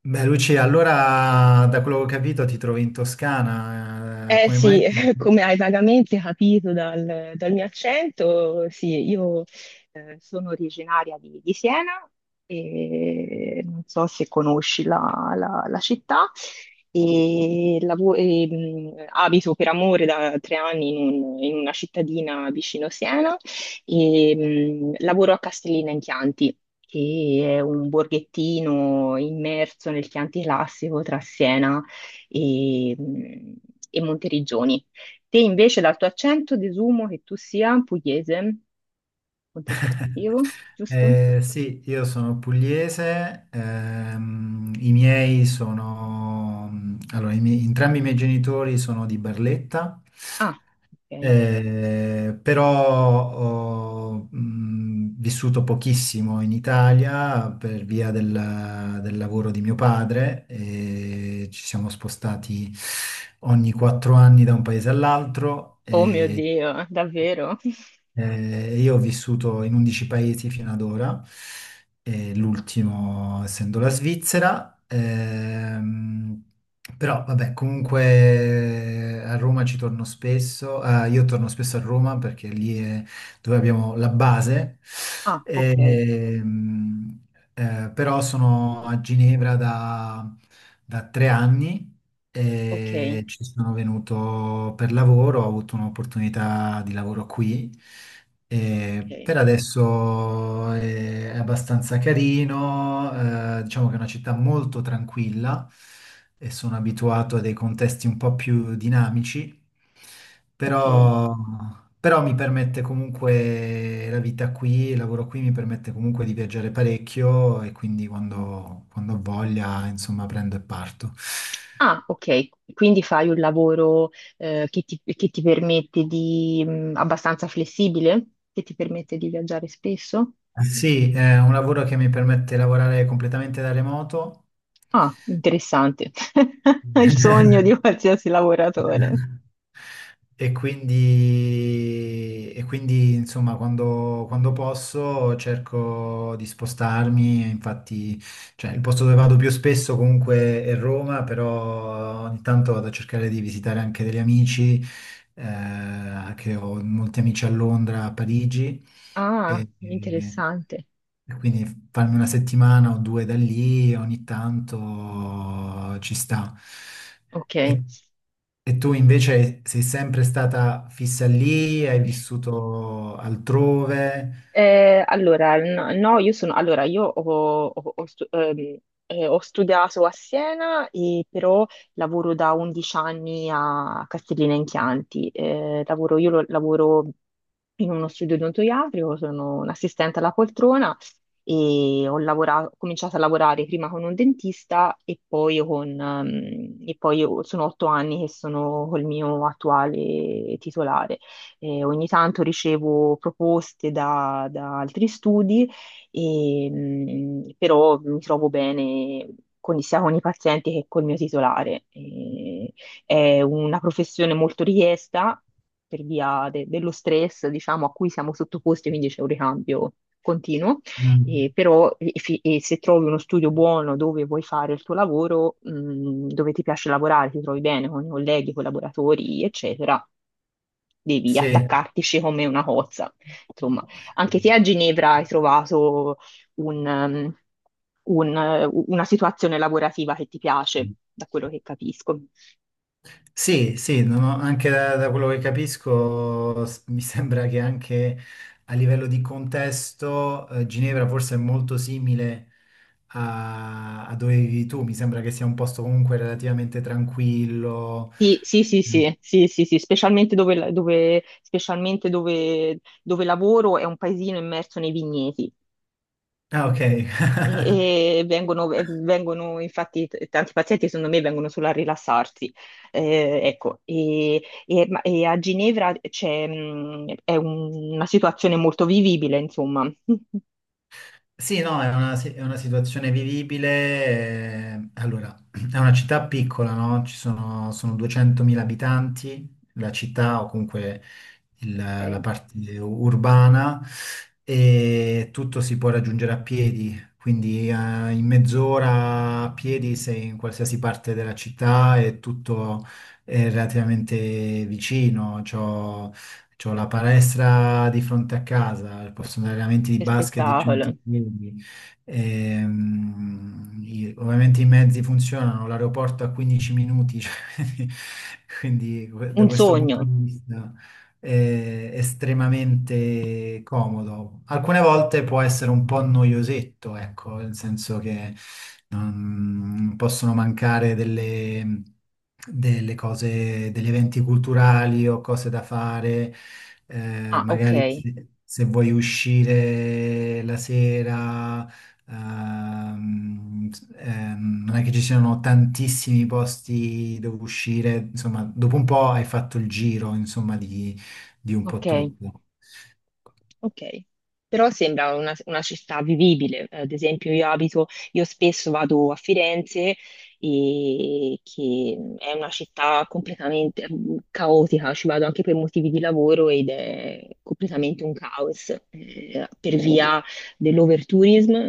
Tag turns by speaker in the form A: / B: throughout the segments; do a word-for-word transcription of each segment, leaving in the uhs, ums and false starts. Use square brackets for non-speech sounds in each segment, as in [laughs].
A: Beh, Lucia, allora da quello che ho capito ti trovi in Toscana, eh,
B: Eh
A: come mai?
B: sì, [laughs] come hai vagamente capito dal, dal mio accento, sì, io eh, sono originaria di, di Siena e non so se conosci la, la- la città e, lavo- e, mh, abito per amore da tre anni in, un- in una cittadina vicino Siena e mh, lavoro a Castellina in Chianti, che è un borghettino immerso nel Chianti classico tra Siena e, e Monteriggioni. Te invece dal tuo accento desumo che tu sia pugliese, punto
A: [laughs]
B: interrogativo, giusto?
A: Eh, sì, io sono pugliese, ehm, i miei sono, allora, i miei- entrambi i miei genitori sono di Barletta.
B: Ah, ok.
A: Eh, però ho mh, vissuto pochissimo in Italia per via del, del lavoro di mio padre e ci siamo spostati ogni quattro anni da un paese all'altro.
B: Oh mio
A: e
B: Dio, davvero?
A: eh, io ho vissuto in undici paesi fino ad ora, eh, l'ultimo essendo la Svizzera. Ehm, però vabbè, comunque a Roma ci torno spesso, eh, io torno spesso a Roma perché lì è dove abbiamo la base.
B: Ah, ok,
A: ehm, eh, Però sono a Ginevra da da tre anni
B: ok,
A: e ci sono venuto per lavoro, ho avuto un'opportunità di lavoro qui. E
B: ok,
A: per adesso è abbastanza carino, eh, diciamo che è una città molto tranquilla e sono abituato a dei contesti un po' più dinamici,
B: ok.
A: però, però mi permette comunque la vita qui, il lavoro qui mi permette comunque di viaggiare parecchio e quindi quando, quando ho voglia, insomma, prendo e parto.
B: Ah, ok, quindi fai un lavoro eh, che ti, che ti permette di, mh, abbastanza flessibile, che ti permette di viaggiare spesso?
A: Sì, è un lavoro che mi permette di lavorare completamente da remoto.
B: Ah, interessante. [laughs] Il sogno di
A: [laughs]
B: qualsiasi lavoratore.
A: E quindi, e quindi, insomma, quando, quando posso cerco di spostarmi, e infatti, cioè, il posto dove vado più spesso comunque è Roma, però ogni tanto vado a cercare di visitare anche degli amici, eh, che ho molti amici a Londra, a Parigi,
B: Ah,
A: e,
B: interessante.
A: e quindi farmi una settimana o due da lì ogni tanto ci sta.
B: Ok.
A: E e tu invece sei sempre stata fissa lì, hai vissuto altrove?
B: Eh, allora, n- no, io sono, allora, io ho, ho- ho stu- ehm, eh, ho studiato a Siena, e però lavoro da undici anni a Castellina in Chianti. Eh, lavoro, io lo- lavoro in uno studio odontoiatrico, sono un'assistente alla poltrona e ho lavora- ho cominciato a lavorare prima con un dentista e poi con, ehm, e poi io- sono otto anni che sono col mio attuale titolare. eh, ogni tanto ricevo proposte da, da altri studi, e, mh, però mi trovo bene con- sia con i pazienti che col mio titolare. E è una professione molto richiesta per via de- dello stress, diciamo, a cui siamo sottoposti, quindi c'è un ricambio continuo. E
A: Mm,
B: però e- fi- e se trovi uno studio buono dove vuoi fare il tuo lavoro, mh, dove ti piace lavorare, ti trovi bene con i colleghi, collaboratori, eccetera, devi
A: sì.
B: attaccartici come una cozza. Insomma, anche te a Ginevra hai trovato un, um, un, eh, una situazione lavorativa che ti piace, da quello che capisco.
A: Sì, sì, non ho- anche da, da quello che capisco s- mi [laughs] sembra che anche a livello di contesto eh, Ginevra forse è molto simile a, a dove vivi tu, mi sembra che sia un posto comunque relativamente tranquillo.
B: Sì, sì, sì,
A: Mm.
B: sì, sì, sì, sì, specialmente dove, dove- specialmente dove dove lavoro è un paesino immerso nei vigneti.
A: Ah, ok.
B: E, e vengono, e vengono, infatti, t- tanti pazienti, secondo me, vengono solo a rilassarsi. Eh, ecco, e, e- ma- e a Ginevra c'è, mh, è un- una situazione molto vivibile, insomma. [laughs]
A: Sì, no, è una, si- è una situazione vivibile. eh, Allora, [clears throat] è una città piccola, no? Ci sono, sono duecentomila abitanti, la città o comunque il- la
B: Ok,
A: parte urbana, e tutto si può raggiungere a piedi, quindi eh, in mezz'ora a piedi sei in qualsiasi parte della città e tutto è relativamente vicino. C'ho, c'ho la palestra di fronte a casa, posso andare allenamenti di
B: che
A: basket di cento
B: spettacolo.
A: piedi. Ehm, i- ovviamente i mezzi funzionano, l'aeroporto a quindici minuti, [laughs] cioè, quindi quindi que- da
B: Un
A: questo punto
B: sogno.
A: di vista eh, estremamente comodo. Alcune volte può essere un po' noiosetto, ecco, nel senso che non possono mancare delle, delle cose, degli eventi culturali o cose da fare, eh,
B: Ah, ok,
A: magari se, se, vuoi uscire la sera. ehm, ehm, Non è che ci siano tantissimi posti dove uscire, insomma, dopo un po' hai fatto il giro, insomma, di, di un po'
B: ok.
A: tutto.
B: Ok, però sembra una, una città vivibile. Eh, Ad esempio, io abito, io spesso vado a Firenze, e che è una città completamente mm, caotica, ci vado anche per motivi di lavoro ed è completamente un caos, eh, per via dell'overtourism.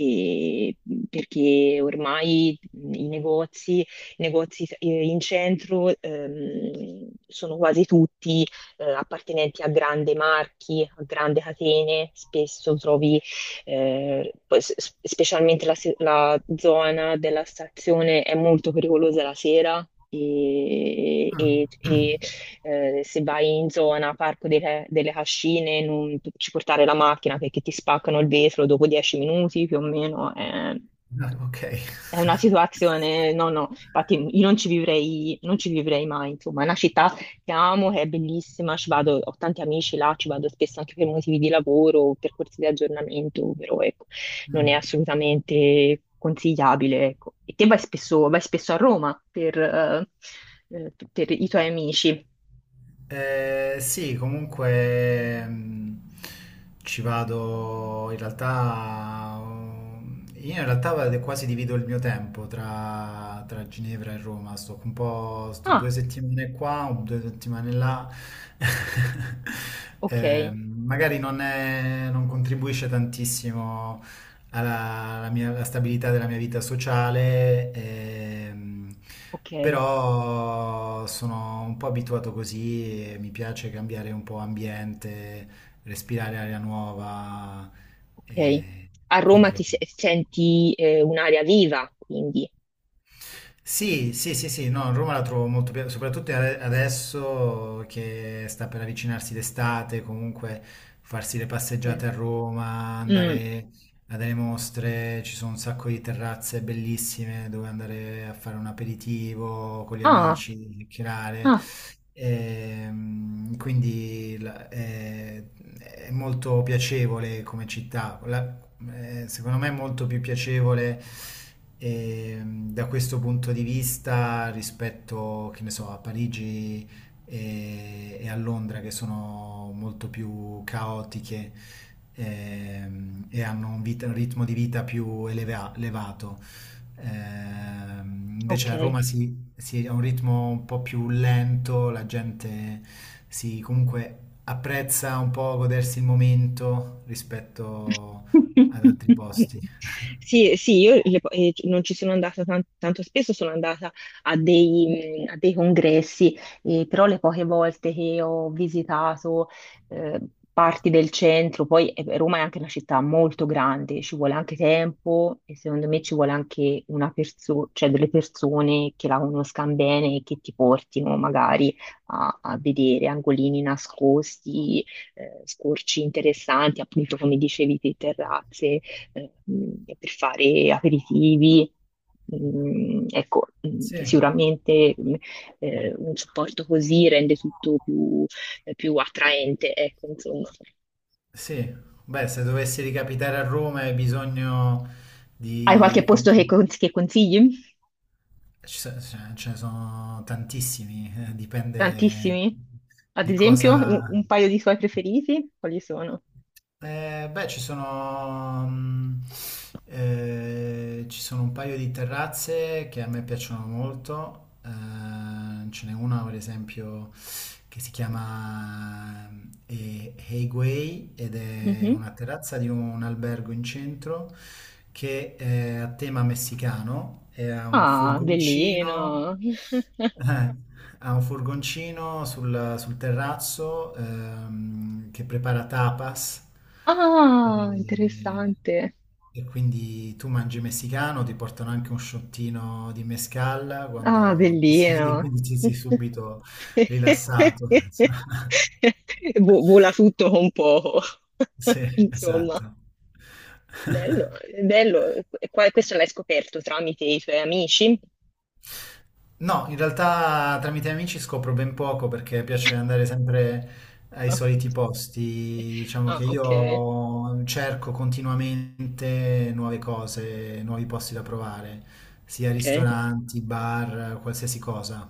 B: E perché ormai i negozi, i negozi eh, in centro ehm, sono quasi tutti eh, appartenenti a grandi marchi, a grandi catene, spesso trovi, eh, poi s- s- specialmente la, se- la zona della stazione è molto pericolosa la sera. E,
A: Ah,
B: e- e,
A: [clears throat]
B: eh, se vai in zona Parco delle, delle Cascine, non ci portare la macchina perché ti spaccano il vetro dopo dieci minuti più o meno. eh.
A: ah, ok. [laughs]
B: È una situazione, no, no, infatti io non ci vivrei, non ci vivrei mai, insomma, è una città che amo, che è bellissima, ci vado, ho tanti amici là, ci vado spesso anche per motivi di lavoro, per corsi di aggiornamento, però ecco,
A: Mm.
B: non è assolutamente consigliabile, ecco. E te vai spesso, vai spesso a Roma per, eh, eh, per i tuoi amici.
A: Eh, sì, comunque mm, ci vado in realtà. um, Io in realtà vado- quasi divido il mio tempo tra, tra Ginevra e Roma. Sto un po', sto due
B: Ah,
A: settimane qua, un- due settimane là. [laughs] Eh,
B: ok,
A: magari non è- non contribuisce tantissimo alla, alla mia- alla stabilità della mia vita sociale, ehm,
B: ok,
A: però sono un po' abituato così e mi piace cambiare un po' ambiente, respirare aria nuova,
B: ok.
A: e
B: A
A: quindi
B: Roma ti
A: lo...
B: se- senti eh, un'aria viva, quindi.
A: Sì, sì, sì, sì, no, Roma la trovo molto piena, soprattutto ade- adesso che sta per avvicinarsi d'estate, comunque farsi le
B: ok.
A: passeggiate a Roma,
B: Mm.
A: andare a delle mostre, ci sono un sacco di terrazze bellissime dove andare a fare un aperitivo con gli
B: Ah.
A: amici, chiacchierare.
B: Ah.
A: Ehm, quindi la- è è molto piacevole come città. La- eh, secondo me è molto più piacevole ehm, da questo punto di vista rispetto, che ne so, a Parigi e, e a Londra che sono molto più caotiche ehm, e hanno un, vita- un ritmo di vita più eleva- elevato. Ehm, invece
B: Ok.
A: a Roma si, si ha un ritmo un po' più lento, la gente si comunque apprezza un po' godersi il momento rispetto ad altri posti.
B: [laughs] Sì, sì, io le po- eh, non ci sono andata tan- tanto spesso, sono andata a dei, mh, a dei congressi, eh, però le poche volte che ho visitato eh, parti del centro, poi eh, Roma è anche una città molto grande, ci vuole anche tempo e secondo me ci vuole anche una perso- cioè delle persone che la conoscano bene e che ti portino magari a, a vedere angolini nascosti eh, scorci interessanti, appunto come dicevi te, terrazze, eh, mh, per fare aperitivi. Mm, ecco, mm,
A: Sì,
B: sicuramente mm, eh, un supporto così rende tutto più, eh, più attraente, ecco, insomma.
A: sì. Beh, se dovessi ricapitare a Roma hai bisogno
B: Hai qualche
A: di
B: posto
A: qualche...
B: che, con- che consigli?
A: ci so- Ce ce ne sono tantissimi, eh, dipende
B: Tantissimi? Ad
A: di
B: esempio, un,
A: cosa...
B: un paio di suoi preferiti? Quali sono?
A: Eh, beh, ci sono, mm, eh, ci sono un paio di terrazze che a me piacciono molto. Eh, ce n'è una, per esempio, che si chiama eh, Hei Guei, ed è
B: Mhm.
A: una terrazza di un albergo in centro che è a tema messicano e ha un
B: Ah,
A: furgoncino,
B: bellino! [laughs]
A: eh, ha un furgoncino sul, sul terrazzo ehm, che prepara tapas,
B: Ah,
A: e,
B: interessante.
A: e quindi tu mangi messicano, ti portano anche un shottino di mezcal
B: Ah,
A: quando ti siedi, [laughs]
B: bellino.
A: quindi ti sei
B: [laughs]
A: subito rilassato. Insomma. [laughs]
B: Vo- Vola tutto con poco. [laughs]
A: Sì,
B: Insomma,
A: esatto.
B: bello, bello. E qua- Questo l'hai scoperto tramite i tuoi amici?
A: No, in realtà tramite amici scopro ben poco perché piace andare sempre ai soliti posti. Diciamo
B: Ah,
A: che
B: ok,
A: io cerco continuamente nuove cose, nuovi posti da provare, sia
B: ok,
A: ristoranti, bar, qualsiasi cosa.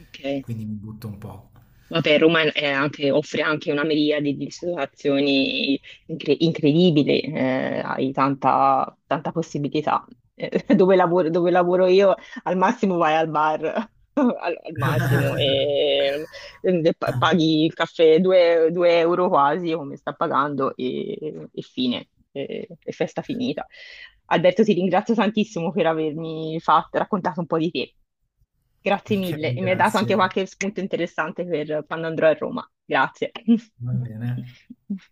B: ok.
A: Quindi mi butto un po'.
B: Vabbè, Roma è anche- offre anche una miriade di situazioni incre- incredibili, eh, hai tanta, tanta possibilità. Eh, [laughs] dove lavoro, dove lavoro io, al massimo vai al bar, [laughs] al, al massimo,
A: [laughs]
B: e, e pa- paghi il caffè due euro quasi, come sta pagando, e, e fine, e, e festa finita. Alberto, ti ringrazio tantissimo per avermi fatto, raccontato un po' di te. Grazie
A: Ok,
B: mille e mi hai dato anche
A: grazie.
B: qualche spunto interessante per quando andrò a Roma. Grazie.
A: Va bene.
B: [laughs]